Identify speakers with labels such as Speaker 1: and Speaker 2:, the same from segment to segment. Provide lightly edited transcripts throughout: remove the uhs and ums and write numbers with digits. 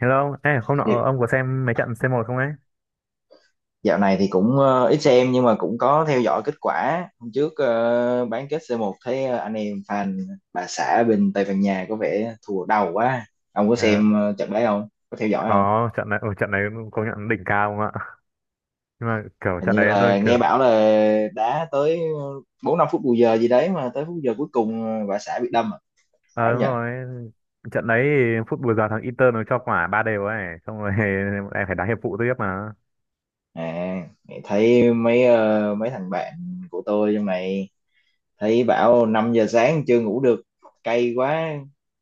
Speaker 1: Hello, ông. Ê, hôm
Speaker 2: Dạ-
Speaker 1: nọ ông có xem mấy trận C1 không ấy?
Speaker 2: Dạo này thì cũng ít xem nhưng mà cũng có theo dõi kết quả. Hôm trước bán kết C1 thấy anh em fan bà xã bên Tây Ban Nha có vẻ thua đầu quá. Ông có
Speaker 1: Ờ,
Speaker 2: xem trận đấy không? Có theo dõi không?
Speaker 1: có trận này, ừ, trận này công nhận đỉnh cao không ạ? Nhưng mà kiểu
Speaker 2: Hình
Speaker 1: trận
Speaker 2: như
Speaker 1: đấy tôi
Speaker 2: là
Speaker 1: kiểu,
Speaker 2: nghe bảo là đá tới 4 5 phút bù giờ gì đấy mà tới phút giờ cuối cùng bà xã bị đâm à?
Speaker 1: ờ
Speaker 2: Phải không
Speaker 1: đúng
Speaker 2: nhỉ?
Speaker 1: rồi, trận đấy thì phút bù giờ thằng Inter nó cho quả ba đều ấy, xong rồi em phải đá hiệp phụ tiếp mà.
Speaker 2: À, thấy mấy thằng bạn của tôi trong này thấy bảo 5 giờ sáng chưa ngủ được, cay quá,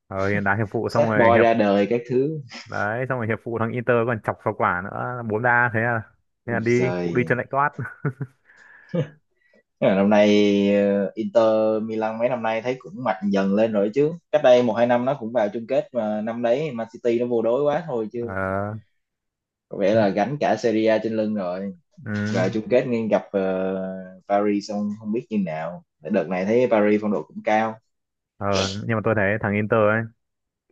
Speaker 1: Ờ, đá hiệp phụ xong
Speaker 2: sad
Speaker 1: rồi
Speaker 2: boy
Speaker 1: hiệp,
Speaker 2: ra đời các thứ.
Speaker 1: đấy, xong rồi hiệp phụ thằng Inter còn chọc vào quả nữa, bốn đa thế à, thế là
Speaker 2: Ui
Speaker 1: đi, cụ
Speaker 2: giời.
Speaker 1: đi chân lạnh toát.
Speaker 2: Thế là năm nay Inter Milan mấy năm nay thấy cũng mạnh dần lên rồi chứ. Cách đây một hai năm nó cũng vào chung kết mà năm đấy Man City nó vô đối quá thôi chứ.
Speaker 1: Ờ,
Speaker 2: Có vẻ
Speaker 1: ừ,
Speaker 2: là gánh cả Serie A trên lưng rồi.
Speaker 1: ừ.
Speaker 2: Vào chung kết nên gặp Paris xong không biết như nào. Đợt này thấy Paris phong độ cũng cao.
Speaker 1: Ờ, nhưng mà tôi thấy thằng Inter ấy,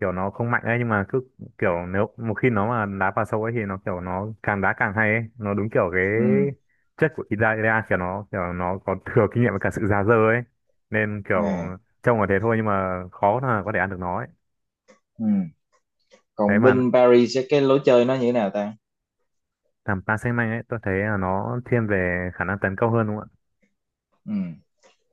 Speaker 1: kiểu nó không mạnh ấy nhưng mà cứ kiểu nếu một khi nó mà đá vào sâu ấy thì nó kiểu nó càng đá càng hay ấy, nó đúng kiểu cái
Speaker 2: Ừ.
Speaker 1: chất của Italia, kiểu nó có thừa kinh nghiệm với cả sự già dơ ấy, nên kiểu
Speaker 2: À.
Speaker 1: trông là thế thôi nhưng mà khó là có thể ăn được nó ấy.
Speaker 2: Ừ.
Speaker 1: Đấy
Speaker 2: Còn
Speaker 1: mà
Speaker 2: bên Paris sẽ cái lối chơi nó như thế nào ta?
Speaker 1: làm Paris Saint-Germain ấy, tôi thấy là nó thiên về khả năng tấn công hơn, đúng không ạ?
Speaker 2: Ừ.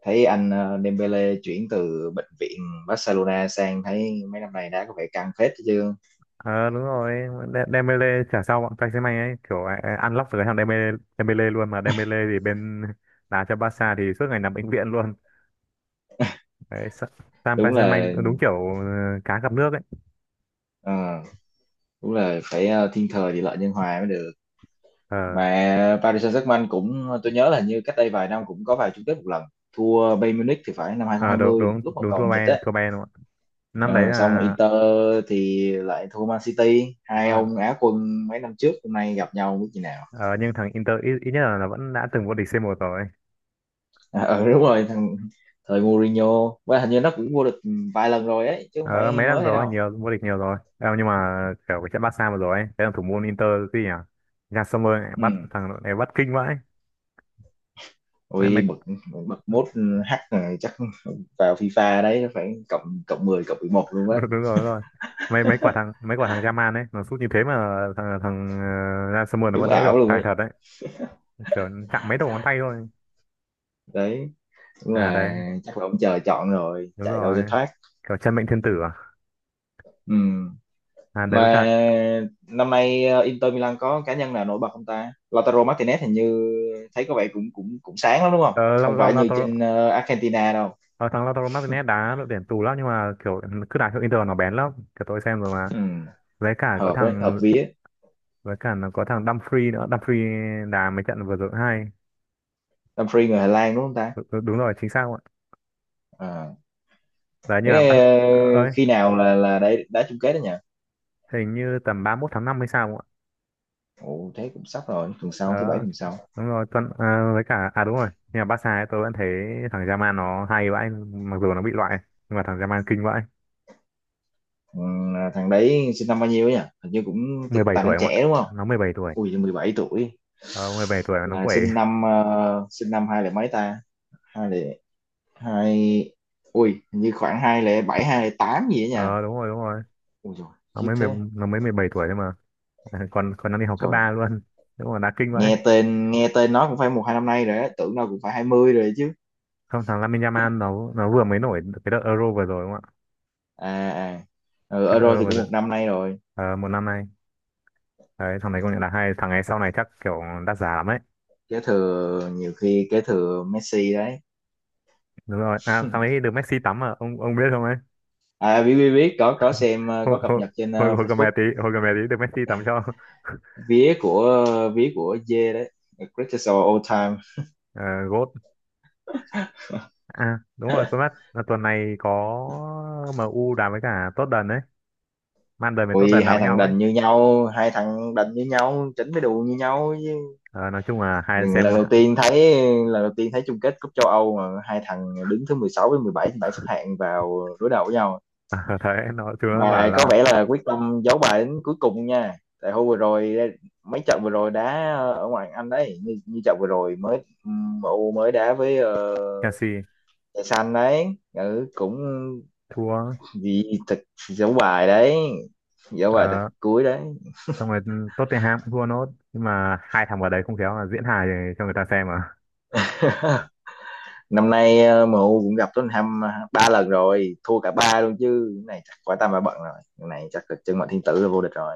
Speaker 2: Thấy anh Dembele chuyển từ bệnh viện Barcelona sang thấy mấy năm nay đá có vẻ căng phết chứ.
Speaker 1: Ờ đúng rồi, Dembele trả sau bọn Paris Saint-Germain ấy, kiểu ai ăn lóc được cái thằng Dembele, Dembele luôn mà. Dembele thì bên đá cho Barca thì suốt ngày nằm bệnh viện luôn. Đấy, Sam
Speaker 2: Đúng
Speaker 1: Peiserman
Speaker 2: là
Speaker 1: đúng kiểu ờ, cá gặp nước ấy.
Speaker 2: Ờ, đúng là phải thiên thời địa lợi nhân hòa mới được.
Speaker 1: ờ
Speaker 2: Mà Paris Saint-Germain cũng tôi nhớ là hình như cách đây vài năm cũng có vào chung kết một lần thua Bayern Munich thì phải, năm
Speaker 1: ờ, đúng
Speaker 2: 2020
Speaker 1: đúng
Speaker 2: lúc mà
Speaker 1: đúng, thua
Speaker 2: còn dịch
Speaker 1: Bayern,
Speaker 2: ấy.
Speaker 1: thua Bayern, đúng không ạ? Năm đấy
Speaker 2: Ờ, xong
Speaker 1: là
Speaker 2: Inter thì lại thua Man City,
Speaker 1: đúng
Speaker 2: hai
Speaker 1: rồi.
Speaker 2: ông Á quân mấy năm trước hôm nay gặp nhau biết như nào.
Speaker 1: Ờ, nhưng thằng Inter ít nhất là nó vẫn đã từng vô địch C1 rồi.
Speaker 2: Ờ, đúng rồi thằng thời Mourinho và hình như nó cũng vô địch vài lần rồi ấy chứ không
Speaker 1: Ờ
Speaker 2: phải
Speaker 1: mấy năm
Speaker 2: mới đây
Speaker 1: rồi,
Speaker 2: đâu.
Speaker 1: nhiều, vô địch nhiều rồi. Ờ, nhưng mà kiểu cái trận Barca vừa rồi ấy, cái thằng thủ môn Inter, cái gì nhỉ, Nhà Sommer ấy, bắt
Speaker 2: Ừ.
Speaker 1: thằng đội này bắt kinh vãi. Mấy mấy
Speaker 2: Ôi, bậc bậc mốt hack rồi, chắc vào FIFA đấy phải cộng cộng 11 luôn á.
Speaker 1: đúng, đúng rồi, đúng rồi. Mấy mấy quả thằng Mấy quả thằng Yaman ấy nó sút như thế mà thằng thằng Sommer nó
Speaker 2: Đúng
Speaker 1: vẫn đỡ
Speaker 2: ảo
Speaker 1: được,
Speaker 2: luôn
Speaker 1: tài
Speaker 2: ấy
Speaker 1: thật đấy, kiểu chạm mấy đầu ngón tay thôi.
Speaker 2: đấy, đúng
Speaker 1: À
Speaker 2: là
Speaker 1: đấy,
Speaker 2: chắc là ông trời chọn rồi
Speaker 1: đúng
Speaker 2: chạy đâu cho
Speaker 1: rồi,
Speaker 2: thoát.
Speaker 1: kiểu chân mệnh thiên tử à
Speaker 2: Ừ.
Speaker 1: à Đấy,
Speaker 2: Mà
Speaker 1: với cả
Speaker 2: năm nay Inter Milan có cá nhân nào nổi bật không ta? Lautaro Martinez hình như thấy có vẻ cũng cũng cũng sáng lắm đúng không?
Speaker 1: ờ,
Speaker 2: Không phải như
Speaker 1: Lautaro.
Speaker 2: trên Argentina đâu.
Speaker 1: Ờ, thằng Lautaro Martinez đá đội tuyển tù lắm nhưng mà kiểu cứ đá cho Inter nó bén lắm, kiểu tôi xem rồi mà.
Speaker 2: Ừ.
Speaker 1: với cả có
Speaker 2: Hợp ấy hợp
Speaker 1: thằng
Speaker 2: vía.
Speaker 1: với cả nó có thằng Dumfries nữa, Dumfries đá mấy trận vừa rồi hay.
Speaker 2: Dumfries người Hà Lan đúng không ta?
Speaker 1: Đúng rồi, chính xác không ạ?
Speaker 2: À.
Speaker 1: Đấy nhưng mà
Speaker 2: Thế
Speaker 1: ơi,
Speaker 2: khi nào là đá chung kết đó nhỉ?
Speaker 1: hình như tầm 31 tháng 5 hay sao không ạ?
Speaker 2: Ồ thế cũng sắp rồi, tuần sau thứ bảy
Speaker 1: Đó
Speaker 2: tuần sau.
Speaker 1: đúng rồi, tuần, ờ, với cả à đúng rồi, nhưng mà Barca ấy, tôi vẫn thấy thằng Yamal nó hay vãi, mặc dù nó bị loại nhưng mà thằng Yamal kinh vãi.
Speaker 2: Ừ, thằng đấy sinh năm bao nhiêu ấy nhỉ, hình như cũng
Speaker 1: mười bảy
Speaker 2: tài
Speaker 1: tuổi
Speaker 2: năng
Speaker 1: không ạ?
Speaker 2: trẻ đúng không?
Speaker 1: Nó 17 tuổi.
Speaker 2: Ui 17 tuổi.
Speaker 1: Ờ, 17 tuổi mà nó
Speaker 2: là
Speaker 1: quẩy.
Speaker 2: sinh năm ờ, sinh năm hai mấy ta? Hai lẻ hai. Ui hình như khoảng 2007, 2008 gì đó nha.
Speaker 1: Ờ đúng rồi, đúng rồi,
Speaker 2: Ui rồi.
Speaker 1: nó
Speaker 2: Khiếp
Speaker 1: mới mười
Speaker 2: thế.
Speaker 1: nó mới 17 tuổi thôi mà. Còn còn đang đi học cấp
Speaker 2: Rồi.
Speaker 1: 3 luôn, đúng là đá kinh vậy.
Speaker 2: Nghe tên nó cũng phải một hai năm nay rồi á, tưởng nó cũng phải 20 rồi chứ.
Speaker 1: Không, thằng Lamine Yamal nó vừa mới nổi cái đợt Euro vừa rồi, đúng không ạ?
Speaker 2: À à. Ừ,
Speaker 1: Cái đợt
Speaker 2: Euro
Speaker 1: Euro
Speaker 2: thì
Speaker 1: vừa
Speaker 2: cũng
Speaker 1: rồi,
Speaker 2: một năm nay rồi.
Speaker 1: ờ, một năm nay. Đấy thằng này công nhận là hay, thằng này sau này chắc kiểu đắt giá lắm ấy.
Speaker 2: Kế thừa, nhiều khi kế thừa Messi đấy.
Speaker 1: Đúng rồi, à thằng ấy được Messi tắm à, ông biết không ấy?
Speaker 2: À, biết biết biết, có xem
Speaker 1: hồi
Speaker 2: có cập
Speaker 1: hồi
Speaker 2: nhật trên
Speaker 1: Hồi,
Speaker 2: Facebook.
Speaker 1: cầm mẹ tí được Messi tắm cho.
Speaker 2: Vía của Dê đấy. Greatest of all time.
Speaker 1: Gót. À đúng rồi, quên mất là tuần này có MU đá với cả Tottenham đấy, Man đời với
Speaker 2: Ui,
Speaker 1: Tottenham đá
Speaker 2: hai
Speaker 1: với
Speaker 2: thằng
Speaker 1: nhau ấy.
Speaker 2: đành như nhau, hai thằng đành như nhau, chỉnh cái đùi như nhau chứ.
Speaker 1: Ờ, nói chung là hai xem.
Speaker 2: lần đầu tiên thấy lần đầu tiên thấy chung kết cúp châu Âu mà hai thằng đứng thứ 16 với 17 trên bảng xếp hạng vào đối đầu với nhau.
Speaker 1: À, thấy nó thứ nó bảo
Speaker 2: Mà có
Speaker 1: là
Speaker 2: vẻ là quyết tâm giấu bài đến cuối cùng nha. Tại hôm vừa rồi mấy trận vừa rồi đá ở ngoại Anh đấy, như trận vừa rồi mới MU mới đá với
Speaker 1: Chelsea
Speaker 2: Trời Xanh đấy. Ừ, cũng.
Speaker 1: thua.
Speaker 2: Vì thật. Giấu bài đấy. Giấu bài tới
Speaker 1: Ờ,
Speaker 2: cuối đấy.
Speaker 1: xong rồi Tottenham cũng thua nốt, nhưng mà hai thằng vào đấy không khéo là diễn hài cho người ta xem à.
Speaker 2: Năm nay MU cũng gặp Tottenham ba lần rồi, thua cả ba luôn chứ, cái này chắc quả tam bà bận rồi. Cái này chắc là chân mệnh thiên tử là vô địch rồi.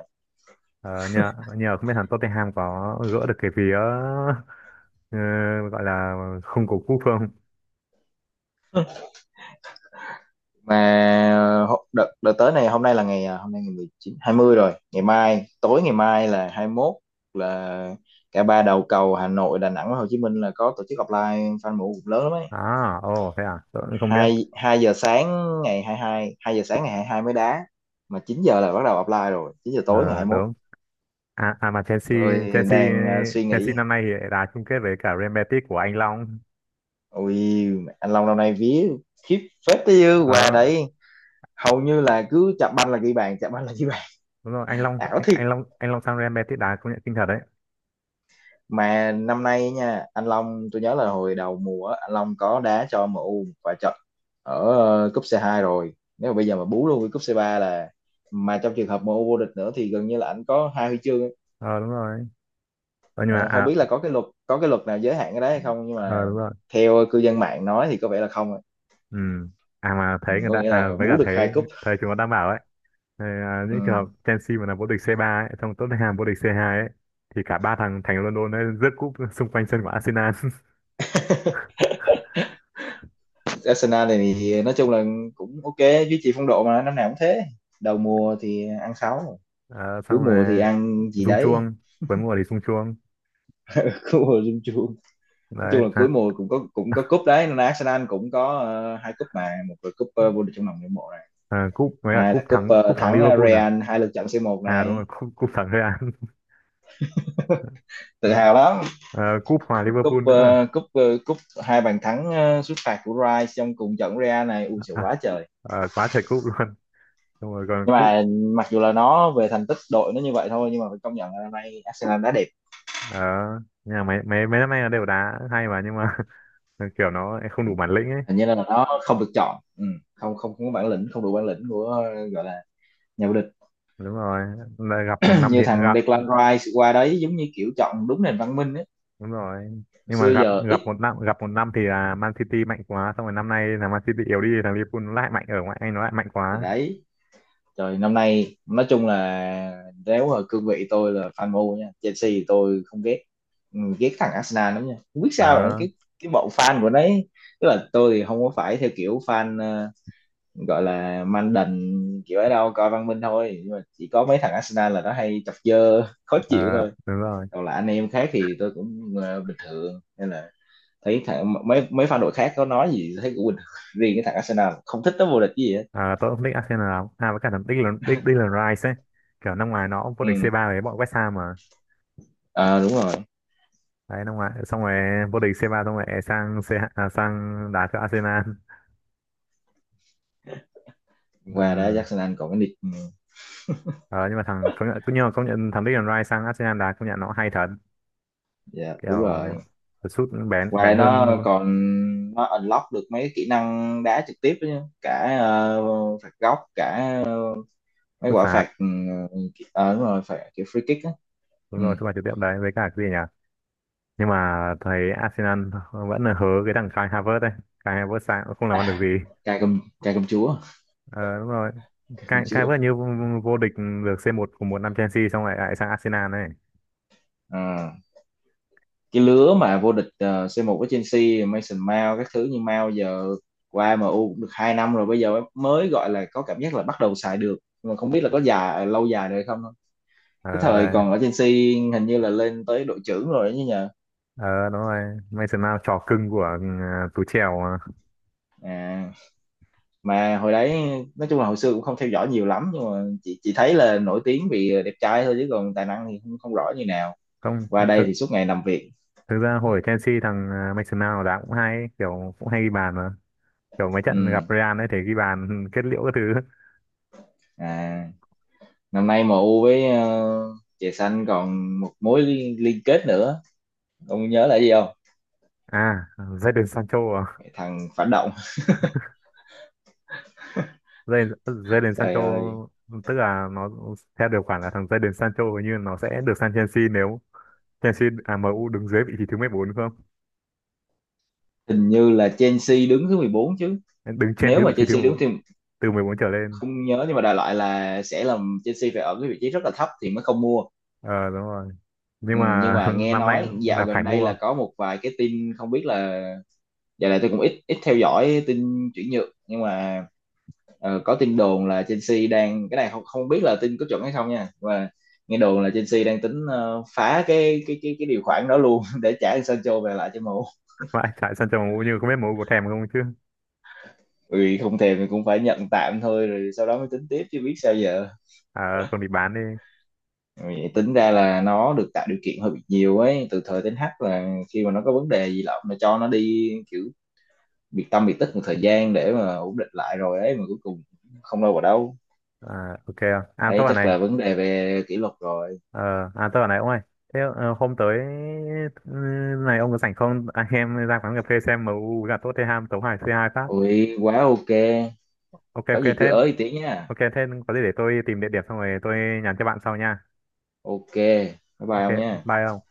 Speaker 1: Ờ, nhờ nhờ không biết thằng Tottenham có gỡ được cái vía ờ, gọi là không của quốc phương.
Speaker 2: Mà đợt tới này, hôm nay ngày 19 20 rồi, ngày mai tối ngày mai là 21, là cả ba đầu cầu Hà Nội, Đà Nẵng và Hồ Chí Minh là có tổ chức offline fan MU cũng lớn lắm ấy.
Speaker 1: À ồ, thế à, tôi cũng không biết.
Speaker 2: 22 giờ sáng ngày 22, hai hai giờ sáng ngày 22 mới đá. Mà 9 giờ là bắt đầu offline rồi, 9 giờ
Speaker 1: Ờ,
Speaker 2: tối ngày 21.
Speaker 1: đúng. À, à mà Chelsea
Speaker 2: Tôi
Speaker 1: Chelsea
Speaker 2: đang suy
Speaker 1: Chelsea
Speaker 2: nghĩ.
Speaker 1: năm nay thì đã chung kết với cả Real Betis của anh Long.
Speaker 2: Ui, anh Long năm nay vía khiếp phết tới dư quà
Speaker 1: Ờ
Speaker 2: đấy. Hầu như là cứ chạm banh là ghi bàn, chạm banh là ghi bàn.
Speaker 1: đúng rồi,
Speaker 2: Ảo thiệt.
Speaker 1: anh Long sang Real Betis đá công nhận kinh thật đấy.
Speaker 2: Mà năm nay nha, anh Long tôi nhớ là hồi đầu mùa á, anh Long có đá cho MU và trận ở cúp C2 rồi. Nếu mà bây giờ mà bú luôn với cúp C3 là, mà trong trường hợp MU vô địch nữa thì gần như là anh có hai huy chương.
Speaker 1: Ờ đúng rồi. Ờ, nhưng mà
Speaker 2: Ờ, không
Speaker 1: à,
Speaker 2: biết là có cái luật nào giới hạn cái đấy hay không, nhưng
Speaker 1: ờ
Speaker 2: mà
Speaker 1: đúng rồi,
Speaker 2: theo cư dân mạng nói thì có vẻ là không ạ.
Speaker 1: ừ. À mà
Speaker 2: Ừ,
Speaker 1: thấy người
Speaker 2: có
Speaker 1: ta,
Speaker 2: nghĩa
Speaker 1: à
Speaker 2: là
Speaker 1: với cả
Speaker 2: bú được
Speaker 1: thấy
Speaker 2: hai cúp.
Speaker 1: thời chúng nó đang bảo ấy, ờ, à, những trường hợp
Speaker 2: Ừ.
Speaker 1: Chelsea mà là vô địch C3 ấy xong Tottenham vô địch C2 ấy, thì cả ba thằng thành London ấy rước cúp xung quanh sân của Arsenal.
Speaker 2: Arsenal này thì nói chung là cũng ok, duy trì phong độ mà năm nào cũng thế. Đầu mùa thì ăn sáu,
Speaker 1: Ờ,
Speaker 2: cuối
Speaker 1: xong
Speaker 2: mùa thì
Speaker 1: rồi
Speaker 2: ăn gì
Speaker 1: rung
Speaker 2: đấy.
Speaker 1: chuông, cuối mùa thì rung chuông,
Speaker 2: Cuối mùa chung chung. Nói
Speaker 1: đấy.
Speaker 2: chung là cuối
Speaker 1: À,
Speaker 2: mùa cũng có cúp đấy, nên Arsenal cũng có hai cúp, mà một là cúp vô địch trong lòng người hâm mộ này.
Speaker 1: à, cúp với cả
Speaker 2: Hai là
Speaker 1: cúp
Speaker 2: cúp
Speaker 1: thắng, cúp thắng
Speaker 2: thắng
Speaker 1: Liverpool. À
Speaker 2: Real hai lượt trận C một
Speaker 1: à đúng
Speaker 2: này.
Speaker 1: rồi, cúp thắng Real.
Speaker 2: Tự
Speaker 1: Đấy.
Speaker 2: hào lắm.
Speaker 1: Ờ, cúp hòa
Speaker 2: cúp
Speaker 1: Liverpool nữa à,
Speaker 2: ờ, cúp ờ, cúp hai bàn thắng sút phạt của Rice trong cùng trận Real này, ui trời
Speaker 1: à,
Speaker 2: quá trời.
Speaker 1: ờ, quá trời cúp luôn, xong rồi còn
Speaker 2: Nhưng
Speaker 1: cúp.
Speaker 2: mà mặc dù là nó về thành tích đội nó như vậy thôi, nhưng mà phải công nhận là năm nay Arsenal đá đẹp.
Speaker 1: Ờ nhưng mà mấy mấy mấy năm nay là đều đá hay mà, nhưng mà kiểu nó không đủ bản lĩnh ấy.
Speaker 2: Hình như là nó không được chọn. Ừ. Không, không, không có bản lĩnh, không đủ bản lĩnh của gọi là nhà vô địch.
Speaker 1: Đúng rồi, là gặp một năm thì
Speaker 2: Như thằng
Speaker 1: gặp.
Speaker 2: Declan Rice qua đấy giống như kiểu chọn đúng nền văn minh ấy.
Speaker 1: Đúng rồi, nhưng mà
Speaker 2: Xưa
Speaker 1: gặp
Speaker 2: giờ
Speaker 1: gặp
Speaker 2: ít.
Speaker 1: một năm, gặp một năm thì là Man City mạnh quá, xong rồi năm nay là Man City yếu đi, thằng Liverpool nó lại mạnh, ở ngoại Anh nó lại mạnh
Speaker 2: Thì
Speaker 1: quá.
Speaker 2: đấy. Rồi năm nay nói chung là nếu ở cương vị tôi là fan MU nha, Chelsea thì tôi không ghét. Ừ, ghét thằng Arsenal lắm nha, không biết sao nữa
Speaker 1: Ờ,
Speaker 2: cái bọn fan của đấy. Tức là tôi thì không có phải theo kiểu fan gọi là man đần kiểu ấy đâu, coi văn minh thôi, nhưng mà chỉ có mấy thằng Arsenal là nó hay chọc dơ khó
Speaker 1: ờ
Speaker 2: chịu thôi.
Speaker 1: đúng rồi.
Speaker 2: Còn là anh em khác thì tôi cũng bình thường nên là thấy thằng mấy mấy fan đội khác có nói gì thấy cũng bình thường. Riêng cái thằng Arsenal không thích nó vô địch cái gì hết.
Speaker 1: Ờ, tôi cũng thích Arsenal lắm à, với cả thằng Declan Declan Rice ấy kiểu năm ngoài nó cũng vô địch
Speaker 2: Ừ.
Speaker 1: C3 với bọn West Ham mà.
Speaker 2: Ờ đúng rồi.
Speaker 1: Đấy, năm ngoài xong rồi vô địch C3 xong rồi sang C, à, sang đá cho Arsenal. Ừ.
Speaker 2: Qua đó Jackson Anh còn cái nick ừ,
Speaker 1: Ờ, nhưng mà thằng, công nhận, nhưng mà công nhận thằng Declan Rice sang Arsenal đá công nhận nó hay thật,
Speaker 2: dạ đúng
Speaker 1: kiểu
Speaker 2: rồi.
Speaker 1: sút bén,
Speaker 2: Qua
Speaker 1: bén
Speaker 2: đây
Speaker 1: hơn
Speaker 2: nó còn, nó unlock được mấy kỹ năng đá trực tiếp đó nhá. Cả phạt góc, cả ờ, mấy
Speaker 1: sút
Speaker 2: quả
Speaker 1: phạt.
Speaker 2: phạt ừ, ờ đúng rồi, phạt kiểu free kick á.
Speaker 1: Đúng
Speaker 2: Ừ.
Speaker 1: rồi, sút phạt trực tiếp đấy, với cả cái gì nhỉ, nhưng mà thấy Arsenal vẫn là hớ cái thằng Kai Havertz đấy. Kai Havertz sang cũng không làm ăn được
Speaker 2: À,
Speaker 1: gì.
Speaker 2: cai cầm chúa,
Speaker 1: Ờ, đúng rồi,
Speaker 2: cai cầm
Speaker 1: Kai
Speaker 2: chúa.
Speaker 1: Havertz như vô địch được C1 của một năm Chelsea, xong lại lại sang Arsenal này.
Speaker 2: Ờ. Cái lứa mà vô địch C1 với Chelsea, Mason Mount các thứ, nhưng Mount giờ qua MU cũng được 2 năm rồi, bây giờ mới gọi là có cảm giác là bắt đầu xài được. Nhưng mà không biết là có lâu dài được không. Cái
Speaker 1: Ờ
Speaker 2: thời
Speaker 1: đây,
Speaker 2: còn ở Chelsea hình như là lên tới đội trưởng rồi đấy nhờ.
Speaker 1: ờ đúng rồi, Mason Mount trò cưng của Tú Chèo mà.
Speaker 2: À, mà hồi đấy nói chung là hồi xưa cũng không theo dõi nhiều lắm, nhưng mà chỉ thấy là nổi tiếng vì đẹp trai thôi chứ còn tài năng thì không, không rõ như nào.
Speaker 1: Không,
Speaker 2: Qua đây
Speaker 1: thực,
Speaker 2: thì suốt ngày làm việc.
Speaker 1: thực ra hồi Chelsea thằng ờ, Mason Mount đá cũng hay, kiểu cũng hay ghi bàn mà, kiểu mấy trận gặp
Speaker 2: Ừ.
Speaker 1: Real ấy thì ghi bàn kết liễu cái thứ.
Speaker 2: À, năm nay em U với chè xanh còn một mối liên kết nữa. Ông nhớ là gì không?
Speaker 1: À, Jadon Sancho à,
Speaker 2: Thằng phản động.
Speaker 1: Jadon Jadon
Speaker 2: Trời
Speaker 1: Sancho.
Speaker 2: ơi.
Speaker 1: Tức là nó theo điều khoản là thằng Jadon Sancho hình như nó sẽ được sang Chelsea nếu Chelsea, à, MU đứng dưới vị trí thứ 14 đúng không,
Speaker 2: Hình như là Chelsea đứng thứ 14 chứ.
Speaker 1: đứng trên
Speaker 2: Nếu
Speaker 1: thứ
Speaker 2: mà
Speaker 1: vị trí thứ
Speaker 2: Chelsea
Speaker 1: mười
Speaker 2: đứng
Speaker 1: bốn
Speaker 2: thì.
Speaker 1: từ 14 trở lên.
Speaker 2: Không nhớ nhưng mà đại loại là sẽ làm Chelsea phải ở cái vị trí rất là thấp thì mới không mua.
Speaker 1: Ờ đúng rồi,
Speaker 2: Ừ,
Speaker 1: nhưng
Speaker 2: nhưng
Speaker 1: mà
Speaker 2: mà nghe
Speaker 1: năm nay
Speaker 2: nói dạo
Speaker 1: là phải
Speaker 2: gần đây
Speaker 1: mua.
Speaker 2: là có một vài cái tin không biết là. Dạo này tôi cũng ít ít theo dõi tin chuyển nhượng nhưng mà. Ờ, có tin đồn là Chelsea đang cái này không không biết là tin có chuẩn hay không nha, và nghe đồn là Chelsea đang tính phá cái điều khoản đó luôn để trả Sancho về lại cho MU.
Speaker 1: Vậy tại Sancho MU như, không biết MU có thèm không chứ.
Speaker 2: Ừ, không thèm thì cũng phải nhận tạm thôi rồi sau đó mới tính tiếp chứ biết sao giờ.
Speaker 1: À, không thì bán đi.
Speaker 2: Ừ, vậy tính ra là nó được tạo điều kiện hơi bị nhiều ấy từ thời đến H là khi mà nó có vấn đề gì lắm là cho nó đi kiểu biệt tâm biệt tích một thời gian để mà ổn định lại rồi ấy, mà cuối cùng không đâu vào đâu.
Speaker 1: À, ok không? À tôi
Speaker 2: Đấy
Speaker 1: bảo
Speaker 2: chắc
Speaker 1: này,
Speaker 2: là vấn đề về kỷ luật rồi.
Speaker 1: Ờ, à tôi bảo này ông ơi, thế ờ, hôm tới, ừ, này ông có rảnh không? Anh em ra quán cà phê xem MU với cả Tottenham tấu hài C2 phát.
Speaker 2: Ui quá ok.
Speaker 1: Ok
Speaker 2: Có
Speaker 1: ok
Speaker 2: gì
Speaker 1: thế,
Speaker 2: cứ ới tiếng nha.
Speaker 1: ok thế có gì để tôi tìm địa điểm xong rồi tôi nhắn cho bạn sau nha.
Speaker 2: Ok bye bye
Speaker 1: Ok,
Speaker 2: ông nha.
Speaker 1: bye ông.